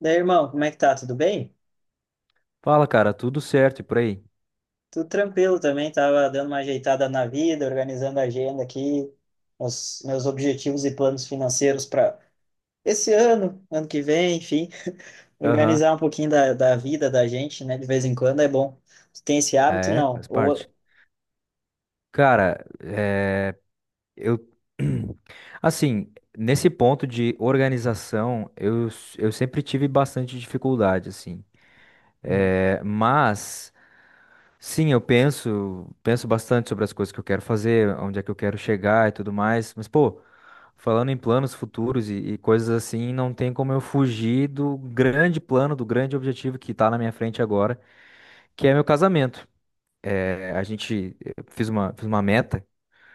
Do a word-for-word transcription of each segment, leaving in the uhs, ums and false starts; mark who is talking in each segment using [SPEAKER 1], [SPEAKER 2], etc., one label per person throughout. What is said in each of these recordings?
[SPEAKER 1] Daí, irmão, como é que tá? Tudo bem?
[SPEAKER 2] Fala, cara, tudo certo e por aí?
[SPEAKER 1] Tudo tranquilo também, tava dando uma ajeitada na vida, organizando a agenda aqui, os meus objetivos e planos financeiros para esse ano, ano que vem, enfim,
[SPEAKER 2] Aham.
[SPEAKER 1] organizar um pouquinho da, da vida da gente, né? De vez em quando é bom. Tu tem esse hábito,
[SPEAKER 2] É,
[SPEAKER 1] não?
[SPEAKER 2] faz parte.
[SPEAKER 1] Ou...
[SPEAKER 2] Cara, é, eu. Assim, nesse ponto de organização, eu, s- eu sempre tive bastante dificuldade, assim. É, mas, sim, eu penso, penso bastante sobre as coisas que eu quero fazer, onde é que eu quero chegar e tudo mais. Mas, pô, falando em planos futuros e, e coisas assim, não tem como eu fugir do grande plano, do grande objetivo que tá na minha frente agora, que é meu casamento. É, a gente eh, fez uma, fez uma meta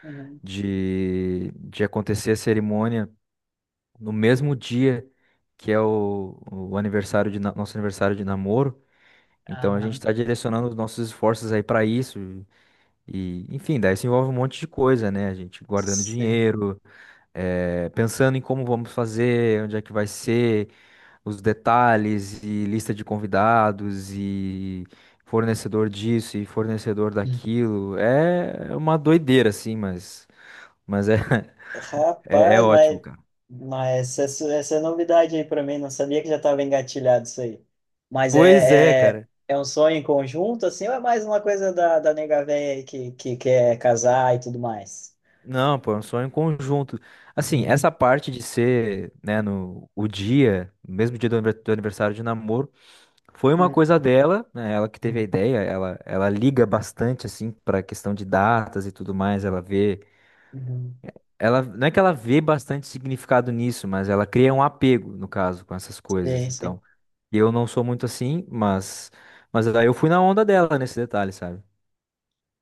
[SPEAKER 1] Uhum.
[SPEAKER 2] de, de acontecer a cerimônia no mesmo dia que é o, o aniversário de, na- nosso aniversário de namoro. Então a
[SPEAKER 1] Ah,
[SPEAKER 2] gente está direcionando os nossos esforços aí para isso. E, enfim, daí isso envolve um monte de coisa, né? A gente guardando
[SPEAKER 1] sim.
[SPEAKER 2] dinheiro, eh, pensando em como vamos fazer, onde é que vai ser os detalhes e lista de convidados e fornecedor disso e fornecedor daquilo. É uma doideira, assim, mas, mas é, é, é
[SPEAKER 1] Rapaz,
[SPEAKER 2] ótimo,
[SPEAKER 1] mas,
[SPEAKER 2] cara.
[SPEAKER 1] mas essa, essa é novidade aí para mim, não sabia que já estava engatilhado isso aí. Mas
[SPEAKER 2] Pois é,
[SPEAKER 1] é, é,
[SPEAKER 2] cara.
[SPEAKER 1] é um sonho em conjunto, assim, ou é mais uma coisa da, da nega véia aí que, que quer casar e tudo mais?
[SPEAKER 2] Não, pô, é um sonho em conjunto. Assim,
[SPEAKER 1] Uhum,
[SPEAKER 2] essa parte de ser, né, no o dia, no mesmo dia do aniver- do aniversário de namoro, foi uma
[SPEAKER 1] uhum,
[SPEAKER 2] coisa dela, né? Ela que teve a ideia, ela, ela liga bastante, assim, pra questão de datas e tudo mais, ela vê
[SPEAKER 1] uhum.
[SPEAKER 2] Ela, não é que ela vê bastante significado nisso, mas ela cria um apego, no caso, com essas coisas.
[SPEAKER 1] Sim, sim.
[SPEAKER 2] Então, eu não sou muito assim, mas, mas aí eu fui na onda dela nesse detalhe, sabe?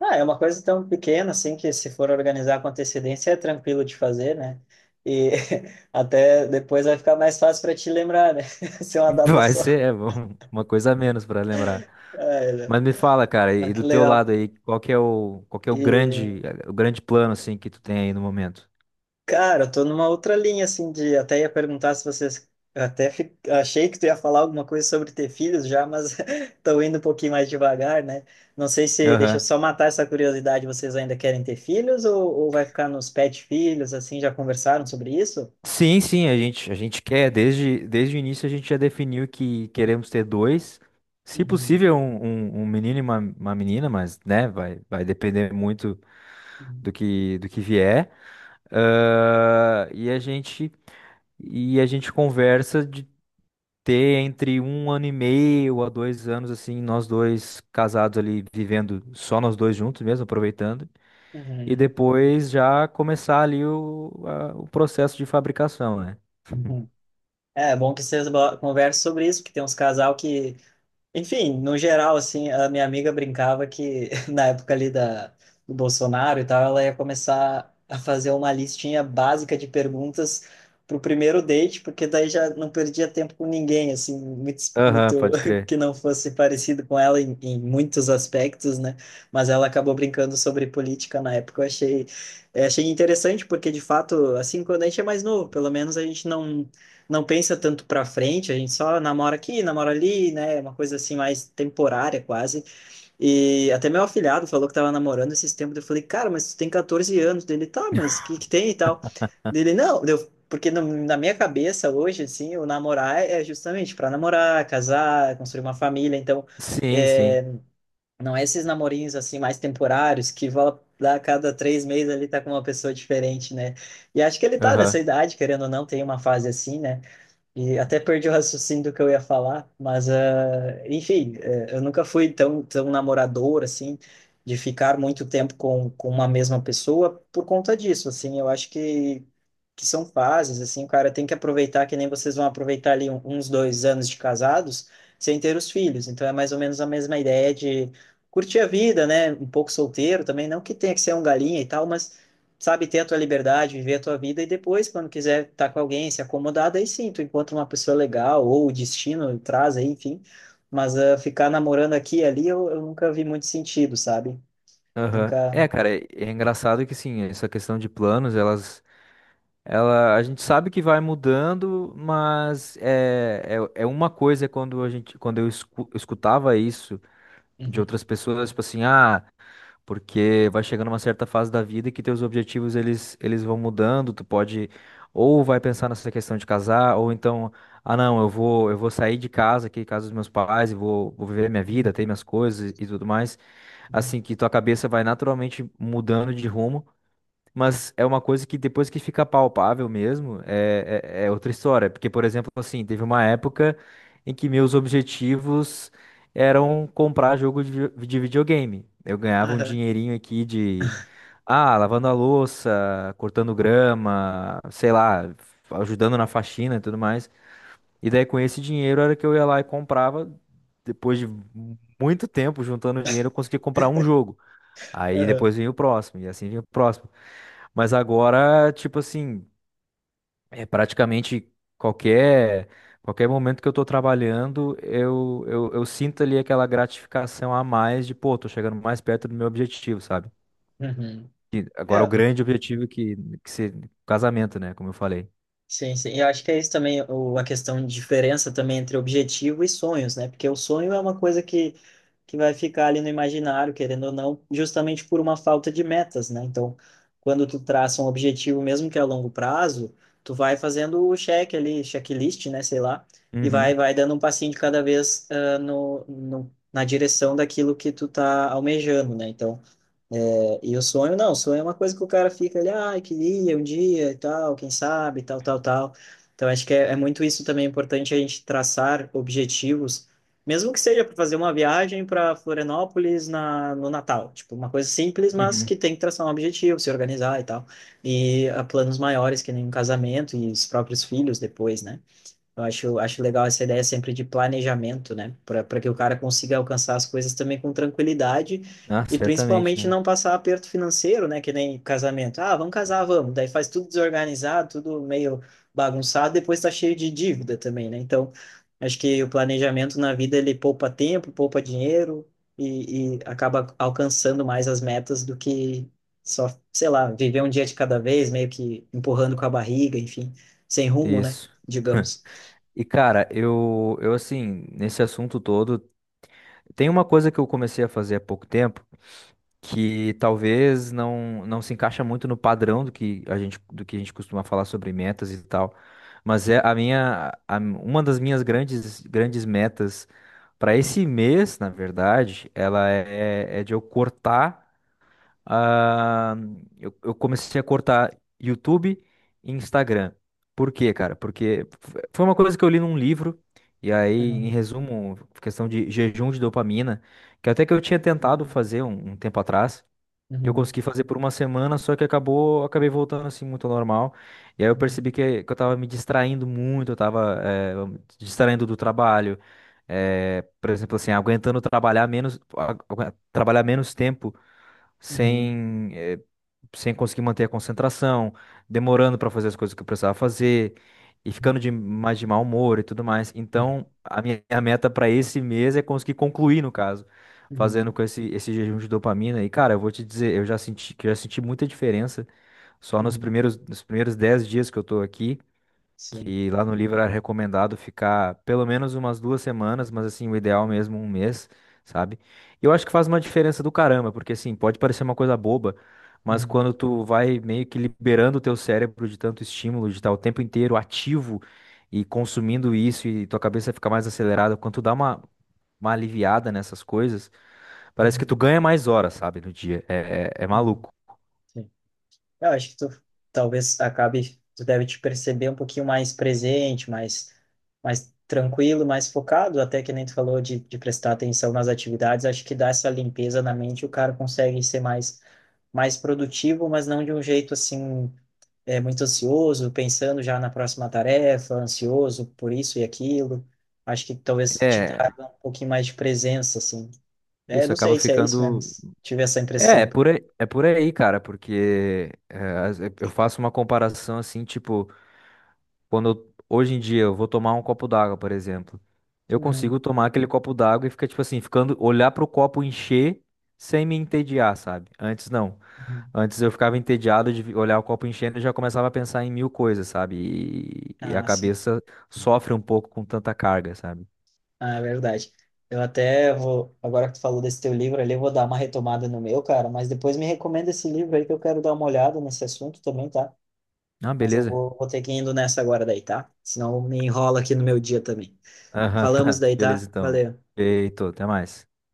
[SPEAKER 1] Ah, é uma coisa tão pequena, assim, que se for organizar com antecedência é tranquilo de fazer, né? E até depois vai ficar mais fácil para te lembrar, né? Ser uma data
[SPEAKER 2] Vai
[SPEAKER 1] só.
[SPEAKER 2] ser, é, bom, uma coisa a menos pra lembrar.
[SPEAKER 1] Ah, é, né?
[SPEAKER 2] Mas me fala, cara,
[SPEAKER 1] Ah,
[SPEAKER 2] e
[SPEAKER 1] que
[SPEAKER 2] do teu
[SPEAKER 1] legal.
[SPEAKER 2] lado aí, qual que é o, qual que é o
[SPEAKER 1] E...
[SPEAKER 2] grande, é, o grande plano assim que tu tem aí no momento?
[SPEAKER 1] Cara, eu tô numa outra linha, assim, de até ia perguntar se vocês. Até fi- achei que tu ia falar alguma coisa sobre ter filhos já, mas tô indo um pouquinho mais devagar, né? Não sei se. Deixa eu
[SPEAKER 2] Aham.
[SPEAKER 1] só matar essa curiosidade. Vocês ainda querem ter filhos ou, ou vai ficar nos pet filhos, assim? Já conversaram sobre isso?
[SPEAKER 2] Sim, sim, a gente, a gente quer, desde, desde o início a gente já definiu que queremos ter dois, se
[SPEAKER 1] Uhum.
[SPEAKER 2] possível um, um, um menino e uma, uma menina, mas né, vai, vai depender muito do que, do que vier. Ah, e a gente, e a gente conversa de ter entre um ano e meio a dois anos, assim, nós dois casados ali, vivendo só nós dois juntos mesmo, aproveitando, e
[SPEAKER 1] Uhum.
[SPEAKER 2] depois já começar ali o, a- o processo de fabricação, né?
[SPEAKER 1] Uhum. É bom que vocês bo- conversem sobre isso, porque tem uns casal que enfim, no geral, assim, a minha amiga brincava que na época ali da, do Bolsonaro e tal, ela ia começar a fazer uma listinha básica de perguntas para o primeiro date, porque daí já não perdia tempo com ninguém, assim, muito,
[SPEAKER 2] Aham,
[SPEAKER 1] muito
[SPEAKER 2] pode crer.
[SPEAKER 1] que não fosse parecido com ela em, em muitos aspectos, né? Mas ela acabou brincando sobre política na época. Eu achei, eu achei interessante, porque de fato, assim, quando a gente é mais novo, pelo menos a gente não não pensa tanto para frente, a gente só namora aqui, namora ali, né? Uma coisa assim mais temporária quase. E até meu afilhado falou que tava namorando esses tempos, eu falei: "Cara, mas tu tem quatorze anos". Dele: "Tá, mas o que que tem e tal?". Dele: "Não, deu porque no- na minha cabeça hoje assim, o namorar é justamente para namorar, casar, construir uma família, então
[SPEAKER 2] Sim, sim.
[SPEAKER 1] é, não é esses namorinhos assim mais temporários que vão lá a cada três meses ali tá com uma pessoa diferente, né? E acho que ele tá nessa
[SPEAKER 2] Aham,
[SPEAKER 1] idade, querendo ou não, tem uma fase assim, né? E até perdi o raciocínio do que eu ia falar, mas, ah, enfim, eh, eu nunca fui tão, tão namorador, assim, de ficar muito tempo com, com uma mesma pessoa por conta disso, assim, eu acho que, que são fases, assim, o cara tem que aproveitar, que nem vocês vão aproveitar ali um- uns dois anos de casados sem ter os filhos, então é mais ou menos a mesma ideia de curtir a vida, né, um pouco solteiro também, não que tenha que ser um galinha e tal, mas sabe, ter a tua liberdade, viver a tua vida e depois, quando quiser estar com alguém, se acomodar, daí sim, tu encontra uma pessoa legal ou o destino traz aí, enfim. Mas uh, ficar namorando aqui e ali eu, eu nunca vi muito sentido, sabe?
[SPEAKER 2] aham.
[SPEAKER 1] Nunca.
[SPEAKER 2] É, cara, é é engraçado que sim, essa questão de planos, elas, ela, a gente sabe que vai mudando, mas é, é, é uma coisa quando a gente, quando eu escu- eu escutava isso de
[SPEAKER 1] Uhum.
[SPEAKER 2] outras pessoas, tipo assim, ah, porque vai chegando uma certa fase da vida que teus objetivos eles, eles vão mudando, tu pode ou vai pensar nessa questão de casar, ou então, ah não, eu vou eu vou sair de casa aqui, casa dos meus pais, e vou, vou viver minha vida, ter minhas coisas e tudo mais.
[SPEAKER 1] Uhum.
[SPEAKER 2] Assim que tua cabeça vai naturalmente mudando de rumo, mas é uma coisa que depois que fica palpável mesmo, é, é, é outra história. Porque, por exemplo, assim, teve uma época em que meus objetivos eram comprar jogo de, vi- de videogame. Eu ganhava um
[SPEAKER 1] Aham,
[SPEAKER 2] dinheirinho aqui de, ah, lavando a louça, cortando grama, sei lá, ajudando na faxina e tudo mais. E daí com esse dinheiro era que eu ia lá e comprava, depois de muito tempo juntando dinheiro, eu conseguia comprar um jogo. Aí
[SPEAKER 1] aham,
[SPEAKER 2] depois vinha o próximo, e assim vinha o próximo. Mas agora, tipo assim, é praticamente qualquer qualquer momento que eu tô trabalhando, eu, eu, eu sinto ali aquela gratificação a mais de, pô, tô chegando mais perto do meu objetivo, sabe?
[SPEAKER 1] uhum.
[SPEAKER 2] E agora o
[SPEAKER 1] É,
[SPEAKER 2] grande objetivo que, que ser casamento, né? Como eu falei.
[SPEAKER 1] sim, sim. Eu acho que é isso também, o, a questão de diferença também entre objetivo e sonhos, né? Porque o sonho é uma coisa que que vai ficar ali no imaginário, querendo ou não, justamente por uma falta de metas, né? Então, quando tu traça um objetivo, mesmo que a longo prazo, tu vai fazendo o check ali, checklist, né? Sei lá, e vai,
[SPEAKER 2] Uhum,
[SPEAKER 1] vai dando um passinho de cada vez ah, no, no, na direção daquilo que tu tá almejando, né? Então, é, e o sonho, não, o sonho é uma coisa que o cara fica ali, ai, queria um dia e tal, quem sabe, tal, tal, tal. Então, acho que é, é muito isso também é importante a gente traçar objetivos, mesmo que seja para fazer uma viagem para Florianópolis na, no Natal. Tipo, uma coisa simples, mas que
[SPEAKER 2] uhum.
[SPEAKER 1] tem que traçar um objetivo, se organizar e tal. E a planos maiores, que nem um casamento e os próprios filhos depois, né? Eu acho, acho legal essa ideia sempre de planejamento, né? Para para que o cara consiga alcançar as coisas também com tranquilidade
[SPEAKER 2] Ah,
[SPEAKER 1] e
[SPEAKER 2] certamente,
[SPEAKER 1] principalmente
[SPEAKER 2] né?
[SPEAKER 1] não passar aperto financeiro, né? Que nem casamento. Ah, vamos casar, vamos. Daí faz tudo desorganizado, tudo meio bagunçado, depois tá cheio de dívida também, né? Então, acho que o planejamento na vida ele poupa tempo, poupa dinheiro e, e acaba alcançando mais as metas do que só, sei lá, viver um dia de cada vez, meio que empurrando com a barriga, enfim, sem rumo, né?
[SPEAKER 2] Isso.
[SPEAKER 1] Digamos.
[SPEAKER 2] E cara, eu, eu assim, nesse assunto todo, tem uma coisa que eu comecei a fazer há pouco tempo que talvez não, não se encaixa muito no padrão do que a gente, do que a gente costuma falar sobre metas e tal. Mas é a minha, a- uma das minhas grandes, grandes metas para esse mês, na verdade, ela é, é de eu cortar. ah, eu, eu comecei a cortar YouTube e Instagram. Por quê, cara? Porque f- foi uma coisa que eu li num livro, e aí, em
[SPEAKER 1] Uhum.
[SPEAKER 2] resumo, questão de jejum de dopamina, que até que eu tinha tentado
[SPEAKER 1] Uhum.
[SPEAKER 2] fazer um um tempo atrás. Eu
[SPEAKER 1] Uhum.
[SPEAKER 2] consegui fazer por uma semana, só que acabou, acabei voltando assim muito ao normal. E aí eu percebi que, que eu tava me distraindo muito, eu tava eh, me distraindo do trabalho. eh, por exemplo, assim, aguentando trabalhar menos, agu- trabalhar menos tempo
[SPEAKER 1] Uhum.
[SPEAKER 2] sem, eh, sem conseguir manter a concentração, demorando para fazer as coisas que eu precisava fazer e ficando de
[SPEAKER 1] Uhum.
[SPEAKER 2] mais de mau humor e tudo mais.
[SPEAKER 1] Uhum.
[SPEAKER 2] Então, a minha a meta para esse mês é conseguir concluir, no caso, fazendo
[SPEAKER 1] Uhum.
[SPEAKER 2] com esse, esse jejum de dopamina. E, cara, eu vou te dizer, eu já senti que eu já senti muita diferença só nos
[SPEAKER 1] Uhum.
[SPEAKER 2] primeiros nos primeiros dez dias que eu tô aqui,
[SPEAKER 1] Sim.
[SPEAKER 2] que lá no livro era recomendado ficar pelo menos umas duas semanas, mas assim, o ideal mesmo um mês, sabe? E eu acho que faz uma diferença do caramba, porque assim, pode parecer uma coisa boba, mas
[SPEAKER 1] Uhum.
[SPEAKER 2] quando tu vai meio que liberando o teu cérebro de tanto estímulo, de estar o tempo inteiro ativo e consumindo isso e tua cabeça fica mais acelerada, quando tu dá uma, uma aliviada nessas coisas, parece que tu
[SPEAKER 1] Uhum.
[SPEAKER 2] ganha mais horas, sabe, no dia. É, é, é
[SPEAKER 1] Uhum.
[SPEAKER 2] maluco.
[SPEAKER 1] Sim. Eu acho que tu talvez acabe, tu deve te perceber um pouquinho mais presente, mais, mais tranquilo, mais focado, até que nem tu falou de, de prestar atenção nas atividades, acho que dá essa limpeza na mente, o cara consegue ser mais, mais produtivo, mas não de um jeito assim é, muito ansioso, pensando já na próxima tarefa, ansioso por isso e aquilo. Acho que talvez te
[SPEAKER 2] É,
[SPEAKER 1] traga um pouquinho mais de presença, assim. É,
[SPEAKER 2] isso
[SPEAKER 1] não
[SPEAKER 2] acaba
[SPEAKER 1] sei se é isso, né?
[SPEAKER 2] ficando.
[SPEAKER 1] Mas tive essa
[SPEAKER 2] É, é
[SPEAKER 1] impressão.
[SPEAKER 2] por aí, é por aí, cara, porque é, as- eh, eu faço uma comparação assim, tipo, quando eu- hoje em dia eu vou tomar um copo d'água, por exemplo, eu
[SPEAKER 1] Uhum,
[SPEAKER 2] consigo tomar aquele copo d'água e fica tipo assim, ficando olhar pro copo encher sem me entediar, sabe? Antes não.
[SPEAKER 1] uhum.
[SPEAKER 2] Antes eu ficava entediado de vi- olhar o copo enchendo e já começava a pensar em mil coisas, sabe? E, e a
[SPEAKER 1] Ah, sim.
[SPEAKER 2] cabeça sofre um pouco com tanta carga, sabe?
[SPEAKER 1] Ah, é verdade. Eu até vou, agora que tu falou desse teu livro ali, eu vou dar uma retomada no meu, cara, mas depois me recomenda esse livro aí que eu quero dar uma olhada nesse assunto também, tá?
[SPEAKER 2] Ah,
[SPEAKER 1] Mas eu
[SPEAKER 2] beleza.
[SPEAKER 1] vou, vou ter que ir indo nessa agora daí, tá? Senão me enrola aqui no meu dia também.
[SPEAKER 2] Aham,
[SPEAKER 1] Falamos
[SPEAKER 2] tá.
[SPEAKER 1] daí,
[SPEAKER 2] Beleza,
[SPEAKER 1] tá?
[SPEAKER 2] então.
[SPEAKER 1] Valeu.
[SPEAKER 2] Feito, até mais.